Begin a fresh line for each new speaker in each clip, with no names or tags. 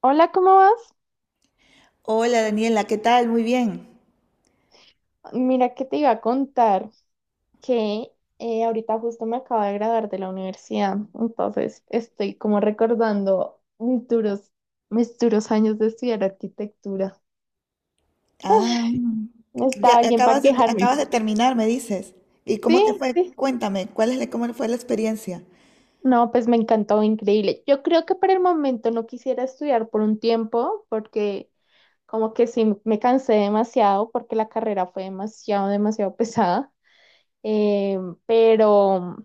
Hola, ¿cómo vas?
Hola Daniela, ¿qué tal? Muy bien.
Mira que te iba a contar que ahorita justo me acabo de graduar de la universidad, entonces estoy como recordando mis duros años de estudiar arquitectura.
Ah, ya
¿Estaba alguien para
acabas
quejarme?
de terminar, me dices. ¿Y cómo te
Sí,
fue?
sí.
Cuéntame, ¿cuál es la- cómo fue la experiencia?
No, pues me encantó, increíble. Yo creo que por el momento no quisiera estudiar por un tiempo porque como que sí me cansé demasiado porque la carrera fue demasiado, demasiado pesada, eh, pero...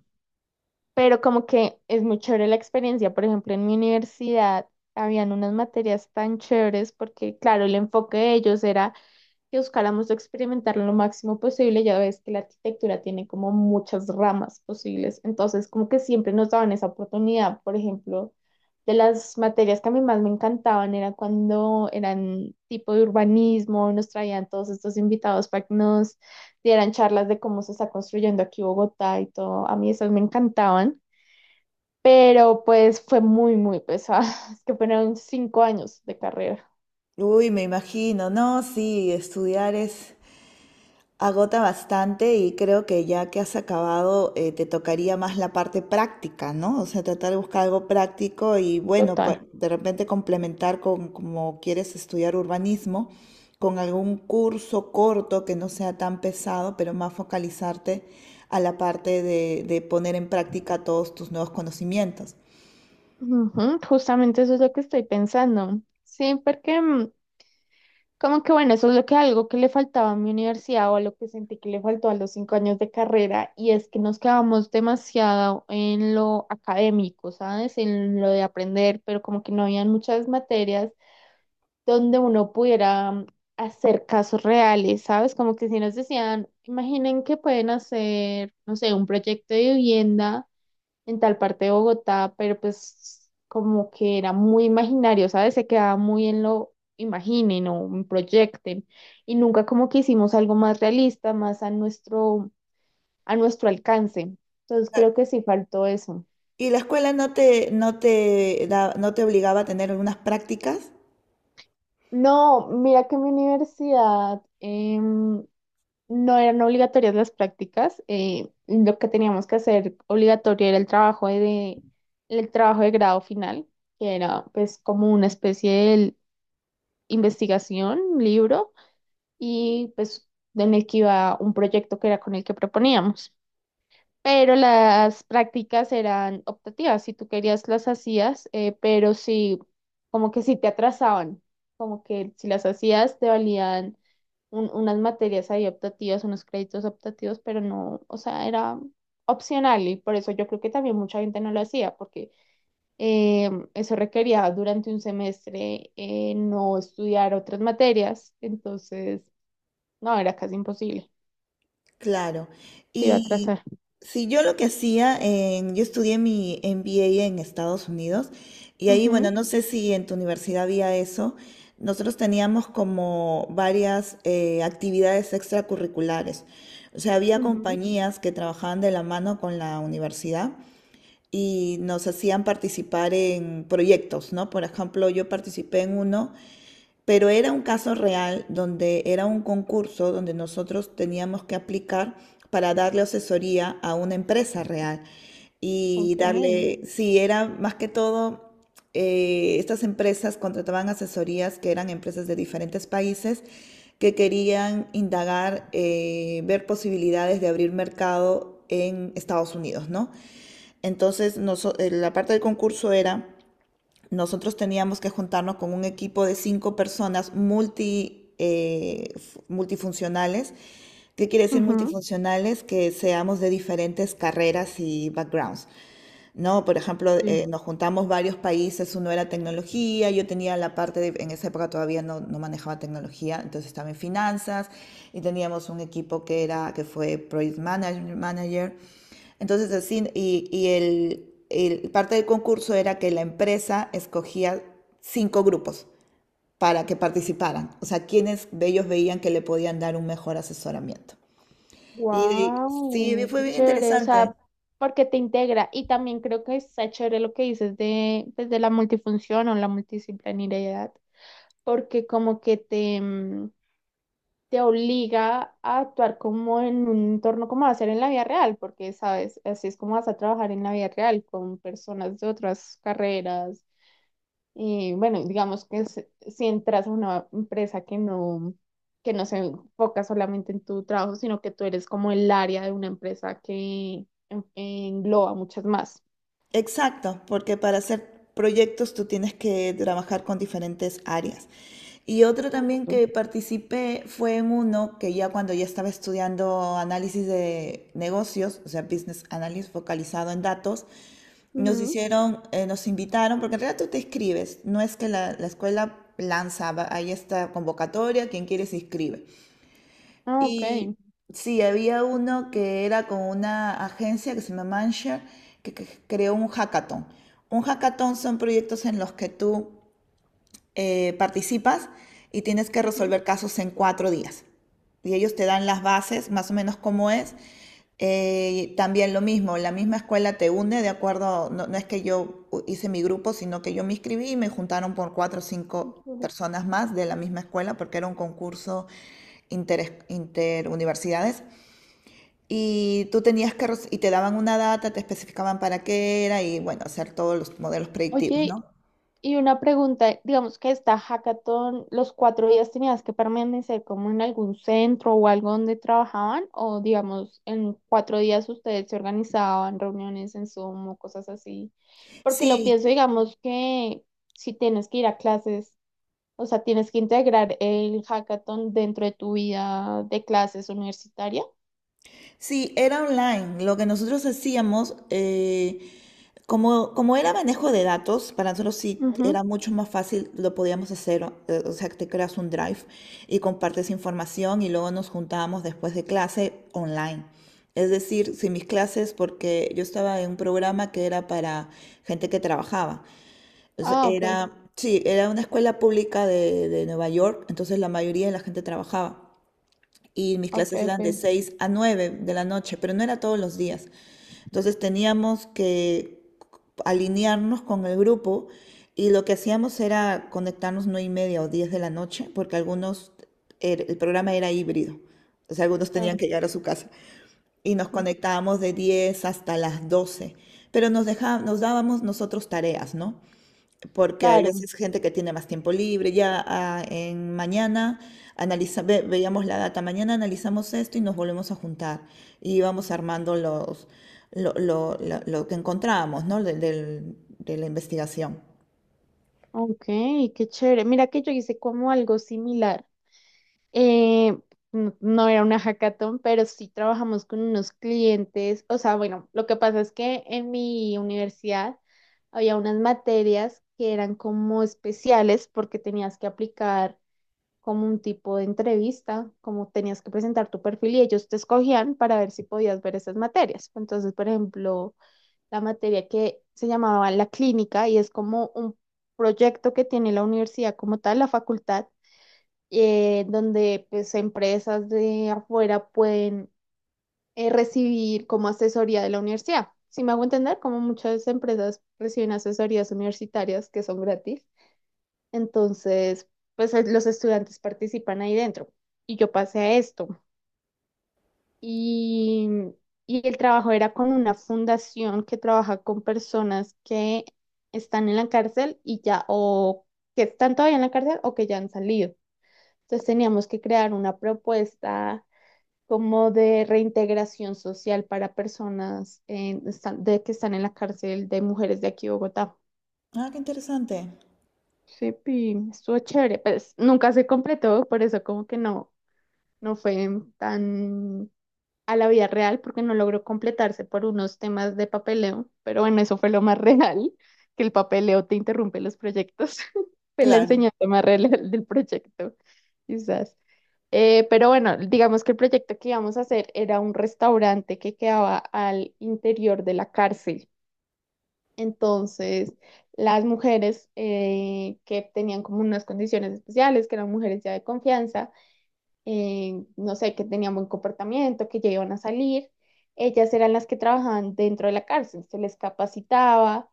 pero como que es muy chévere la experiencia. Por ejemplo, en mi universidad habían unas materias tan chéveres porque, claro, el enfoque de ellos era que buscáramos experimentar lo máximo posible. Ya ves que la arquitectura tiene como muchas ramas posibles, entonces como que siempre nos daban esa oportunidad. Por ejemplo, de las materias que a mí más me encantaban era cuando eran tipo de urbanismo, nos traían todos estos invitados para que nos dieran charlas de cómo se está construyendo aquí Bogotá y todo. A mí esas me encantaban, pero pues fue muy, muy pesada. Es que fueron 5 años de carrera
Uy, me imagino, no, sí, estudiar es, agota bastante y creo que ya que has acabado, te tocaría más la parte práctica, ¿no? O sea, tratar de buscar algo práctico y bueno, pa-
total.
de repente complementar con como quieres estudiar urbanismo, con algún curso corto que no sea tan pesado, pero más focalizarte a la parte de poner en práctica todos tus nuevos conocimientos.
Ujú, justamente eso es lo que estoy pensando. Sí, porque como que bueno, eso es lo que algo que le faltaba a mi universidad o a lo que sentí que le faltó a los 5 años de carrera y es que nos quedamos demasiado en lo académico, ¿sabes? En lo de aprender, pero como que no habían muchas materias donde uno pudiera hacer casos reales, ¿sabes? Como que si nos decían, imaginen que pueden hacer, no sé, un proyecto de vivienda en tal parte de Bogotá, pero pues como que era muy imaginario, ¿sabes? Se quedaba muy en lo imaginen o proyecten y nunca como que hicimos algo más realista, más a nuestro alcance. Entonces creo
Claro.
que sí faltó eso.
¿Y la escuela no te, no te da- no te obligaba a tener algunas prácticas?
No, mira que mi universidad, no eran obligatorias las prácticas, lo que teníamos que hacer obligatorio era el trabajo de grado final, que era pues como una especie de investigación, un libro, y pues en el que iba un proyecto que era con el que proponíamos, pero las prácticas eran optativas, si tú querías las hacías, pero sí, como que sí te atrasaban, como que si las hacías te valían unas materias ahí optativas, unos créditos optativos, pero no, o sea, era opcional y por eso yo creo que también mucha gente no lo hacía, porque eso requería durante un semestre no estudiar otras materias, entonces, no, era casi imposible,
Claro.
te iba a
Y
atrasar.
si yo lo que hacía, en- yo estudié mi MBA en Estados Unidos y ahí, bueno,
Ujú,
no sé si en tu universidad había eso. Nosotros teníamos como varias actividades extracurriculares. O sea, había
ujú,
compañías que trabajaban de la mano con la universidad y nos hacían participar en proyectos, ¿no? Por ejemplo, yo participé en uno pero era un caso real donde era un concurso donde nosotros teníamos que aplicar para darle asesoría a una empresa real y
ok.
darle, sí, era más que todo, estas empresas contrataban asesorías que eran empresas de diferentes países que querían indagar, ver posibilidades de abrir mercado en Estados Unidos, ¿no? Entonces, noso- la parte del concurso era nosotros teníamos que juntarnos con un equipo de cinco personas multi, multifuncionales. ¿Qué quiere decir
Ujú,
multifuncionales? Que seamos de diferentes carreras y backgrounds, ¿no? Por ejemplo,
sí.
nos juntamos varios países, uno era tecnología, yo tenía la parte de, en esa época todavía no, no manejaba tecnología, entonces estaba en finanzas y teníamos un equipo que era, que fue project manage- manager entonces, así, y parte del concurso era que la empresa escogía cinco grupos para que participaran, o sea, quienes de ellos veían que le podían dar un mejor asesoramiento. Y sí,
Wow,
fue
qué
bien
chévere, o
interesante.
sea, porque te integra y también creo que está chévere lo que dices de, pues, de la multifunción o la multidisciplinariedad, porque como que te, te obliga a actuar como en un entorno como va a ser en la vida real, porque sabes, así es como vas a trabajar en la vida real con personas de otras carreras. Y bueno, digamos que si entras a una empresa que no se enfoca solamente en tu trabajo, sino que tú eres como el área de una empresa que engloba muchas más.
Exacto, porque para hacer proyectos tú tienes que trabajar con diferentes áreas. Y otro también
Justo.
que participé fue en uno que ya cuando ya estaba estudiando análisis de negocios, o sea, business analysis focalizado en datos, nos
Ujú.
hicieron, nos invitaron, porque en realidad tú te escribes, no es que la escuela lanza, va- hay esta convocatoria, quien quiere se inscribe.
Ah, ok.
Y sí, había uno que era con una agencia que se llama Manshare, que creó un hackathon. Un hackathon son proyectos en los que tú participas y tienes que
Ujú.
resolver casos en cuatro días. Y ellos te dan las bases, más o menos cómo es. También lo mismo, la misma escuela te une de acuerdo, no, no es que yo hice mi grupo, sino que yo me inscribí y me juntaron por cuatro o cinco
Ujú.
personas más de la misma escuela porque era un concurso inter, interuniversidades. Y tú tenías que, y te daban una data, te especificaban para qué era y bueno, hacer todos los modelos predictivos,
Oye,
¿no?
y una pregunta, digamos que esta hackathon, los 4 días tenías que permanecer como en algún centro o algo donde trabajaban, o digamos, en 4 días ustedes se organizaban reuniones en Zoom o cosas así. Porque lo
Sí,
pienso, digamos que si tienes que ir a clases, o sea, tienes que integrar el hackathon dentro de tu vida de clases universitaria.
sí, era online. Lo que nosotros hacíamos, como, como era manejo de datos, para nosotros sí
Ujú.
era mucho más fácil, lo podíamos hacer, o sea, que te creas un drive y compartes información y luego nos juntábamos después de clase online. Es decir, si mis clases, porque yo estaba en un programa que era para gente que trabajaba. Entonces,
Ah, ok,
era, sí, era una escuela pública de Nueva York, entonces la mayoría de la gente trabajaba y mis
ok,
clases
ok,
eran de 6 a 9 de la noche, pero no era todos los días. Entonces teníamos que alinearnos con el grupo y lo que hacíamos era conectarnos 9 y media o 10 de la noche, porque algunos, el programa era híbrido, o sea, algunos tenían
claro,
que llegar a su casa y nos conectábamos de 10 hasta las doce, pero nos dejábamos, nos dábamos nosotros tareas, ¿no? Porque hay
claro,
veces gente que tiene más tiempo libre, ya ah, en mañana analiza, ve- veíamos la data, mañana analizamos esto y nos volvemos a juntar y vamos armando los, lo que encontramos, ¿no? De la investigación.
ok, qué chévere. Mira que yo hice como algo similar. Eh, no, no era una hackathon, pero sí trabajamos con unos clientes. O sea, bueno, lo que pasa es que en mi universidad había unas materias que eran como especiales porque tenías que aplicar como un tipo de entrevista, como tenías que presentar tu perfil y ellos te escogían para ver si podías ver esas materias. Entonces, por ejemplo, la materia que se llamaba la clínica y es como un proyecto que tiene la universidad como tal, la facultad, donde pues empresas de afuera pueden recibir como asesoría de la universidad. Si me hago entender, como muchas empresas reciben asesorías universitarias que son gratis, entonces pues los estudiantes participan ahí dentro. Y yo pasé a esto. Y, y el trabajo era con una fundación que trabaja con personas que están en la cárcel y ya, o que están todavía en la cárcel o que ya han salido. Entonces teníamos que crear una propuesta como de reintegración social para personas de que están en la cárcel de mujeres de aquí de Bogotá.
Ah, qué interesante.
Sí, estuvo chévere, pues nunca se completó, por eso como que no, no fue tan a la vida real, porque no logró completarse por unos temas de papeleo, pero bueno, eso fue lo más real, que el papeleo te interrumpe los proyectos, fue la
Claro.
enseñanza más real del proyecto, quizás. Pero bueno, digamos que el proyecto que íbamos a hacer era un restaurante que quedaba al interior de la cárcel. Entonces, las mujeres que tenían como unas condiciones especiales, que eran mujeres ya de confianza, no sé, que tenían buen comportamiento, que ya iban a salir. Ellas eran las que trabajaban dentro de la cárcel, se les capacitaba,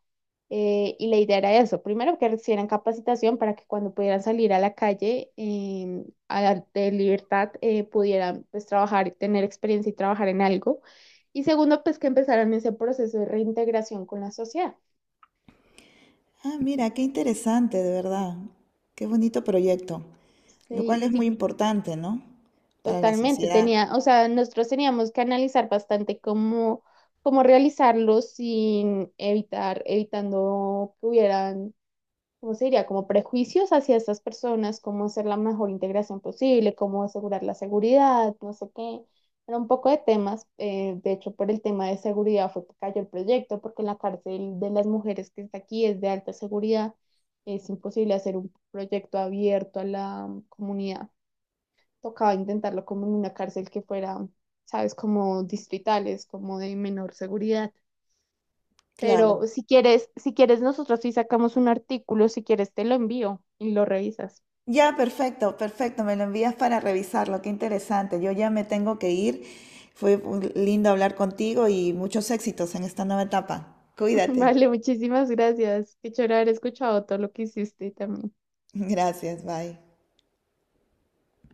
y la idea era eso, primero que recibieran capacitación para que cuando pudieran salir a la calle de libertad pudieran pues trabajar, tener experiencia y trabajar en algo. Y segundo, pues que empezaran ese proceso de reintegración con la sociedad.
Ah, mira, qué interesante, de verdad. Qué bonito proyecto, lo
Sí,
cual es muy
sí.
importante, ¿no? Para la
Totalmente,
sociedad.
tenía, o sea, nosotros teníamos que analizar bastante cómo, cómo realizarlo sin evitar, evitando que hubieran, ¿cómo se diría? Como prejuicios hacia estas personas, cómo hacer la mejor integración posible, cómo asegurar la seguridad, no sé qué. Era un poco de temas, de hecho, por el tema de seguridad fue que cayó el proyecto, porque la cárcel de las mujeres que está aquí es de alta seguridad, es imposible hacer un proyecto abierto a la comunidad, tocaba intentarlo como en una cárcel que fuera, sabes, como distritales, como de menor seguridad.
Claro.
Pero si quieres, si quieres, nosotros sí sacamos un artículo, si quieres te lo envío y lo revisas.
Ya, perfecto, perfecto. Me lo envías para revisarlo. Qué interesante. Yo ya me tengo que ir. Fue un- lindo hablar contigo y muchos éxitos en esta nueva etapa. Cuídate.
Vale, muchísimas gracias. Qué chévere haber escuchado todo lo que hiciste también.
Gracias, bye.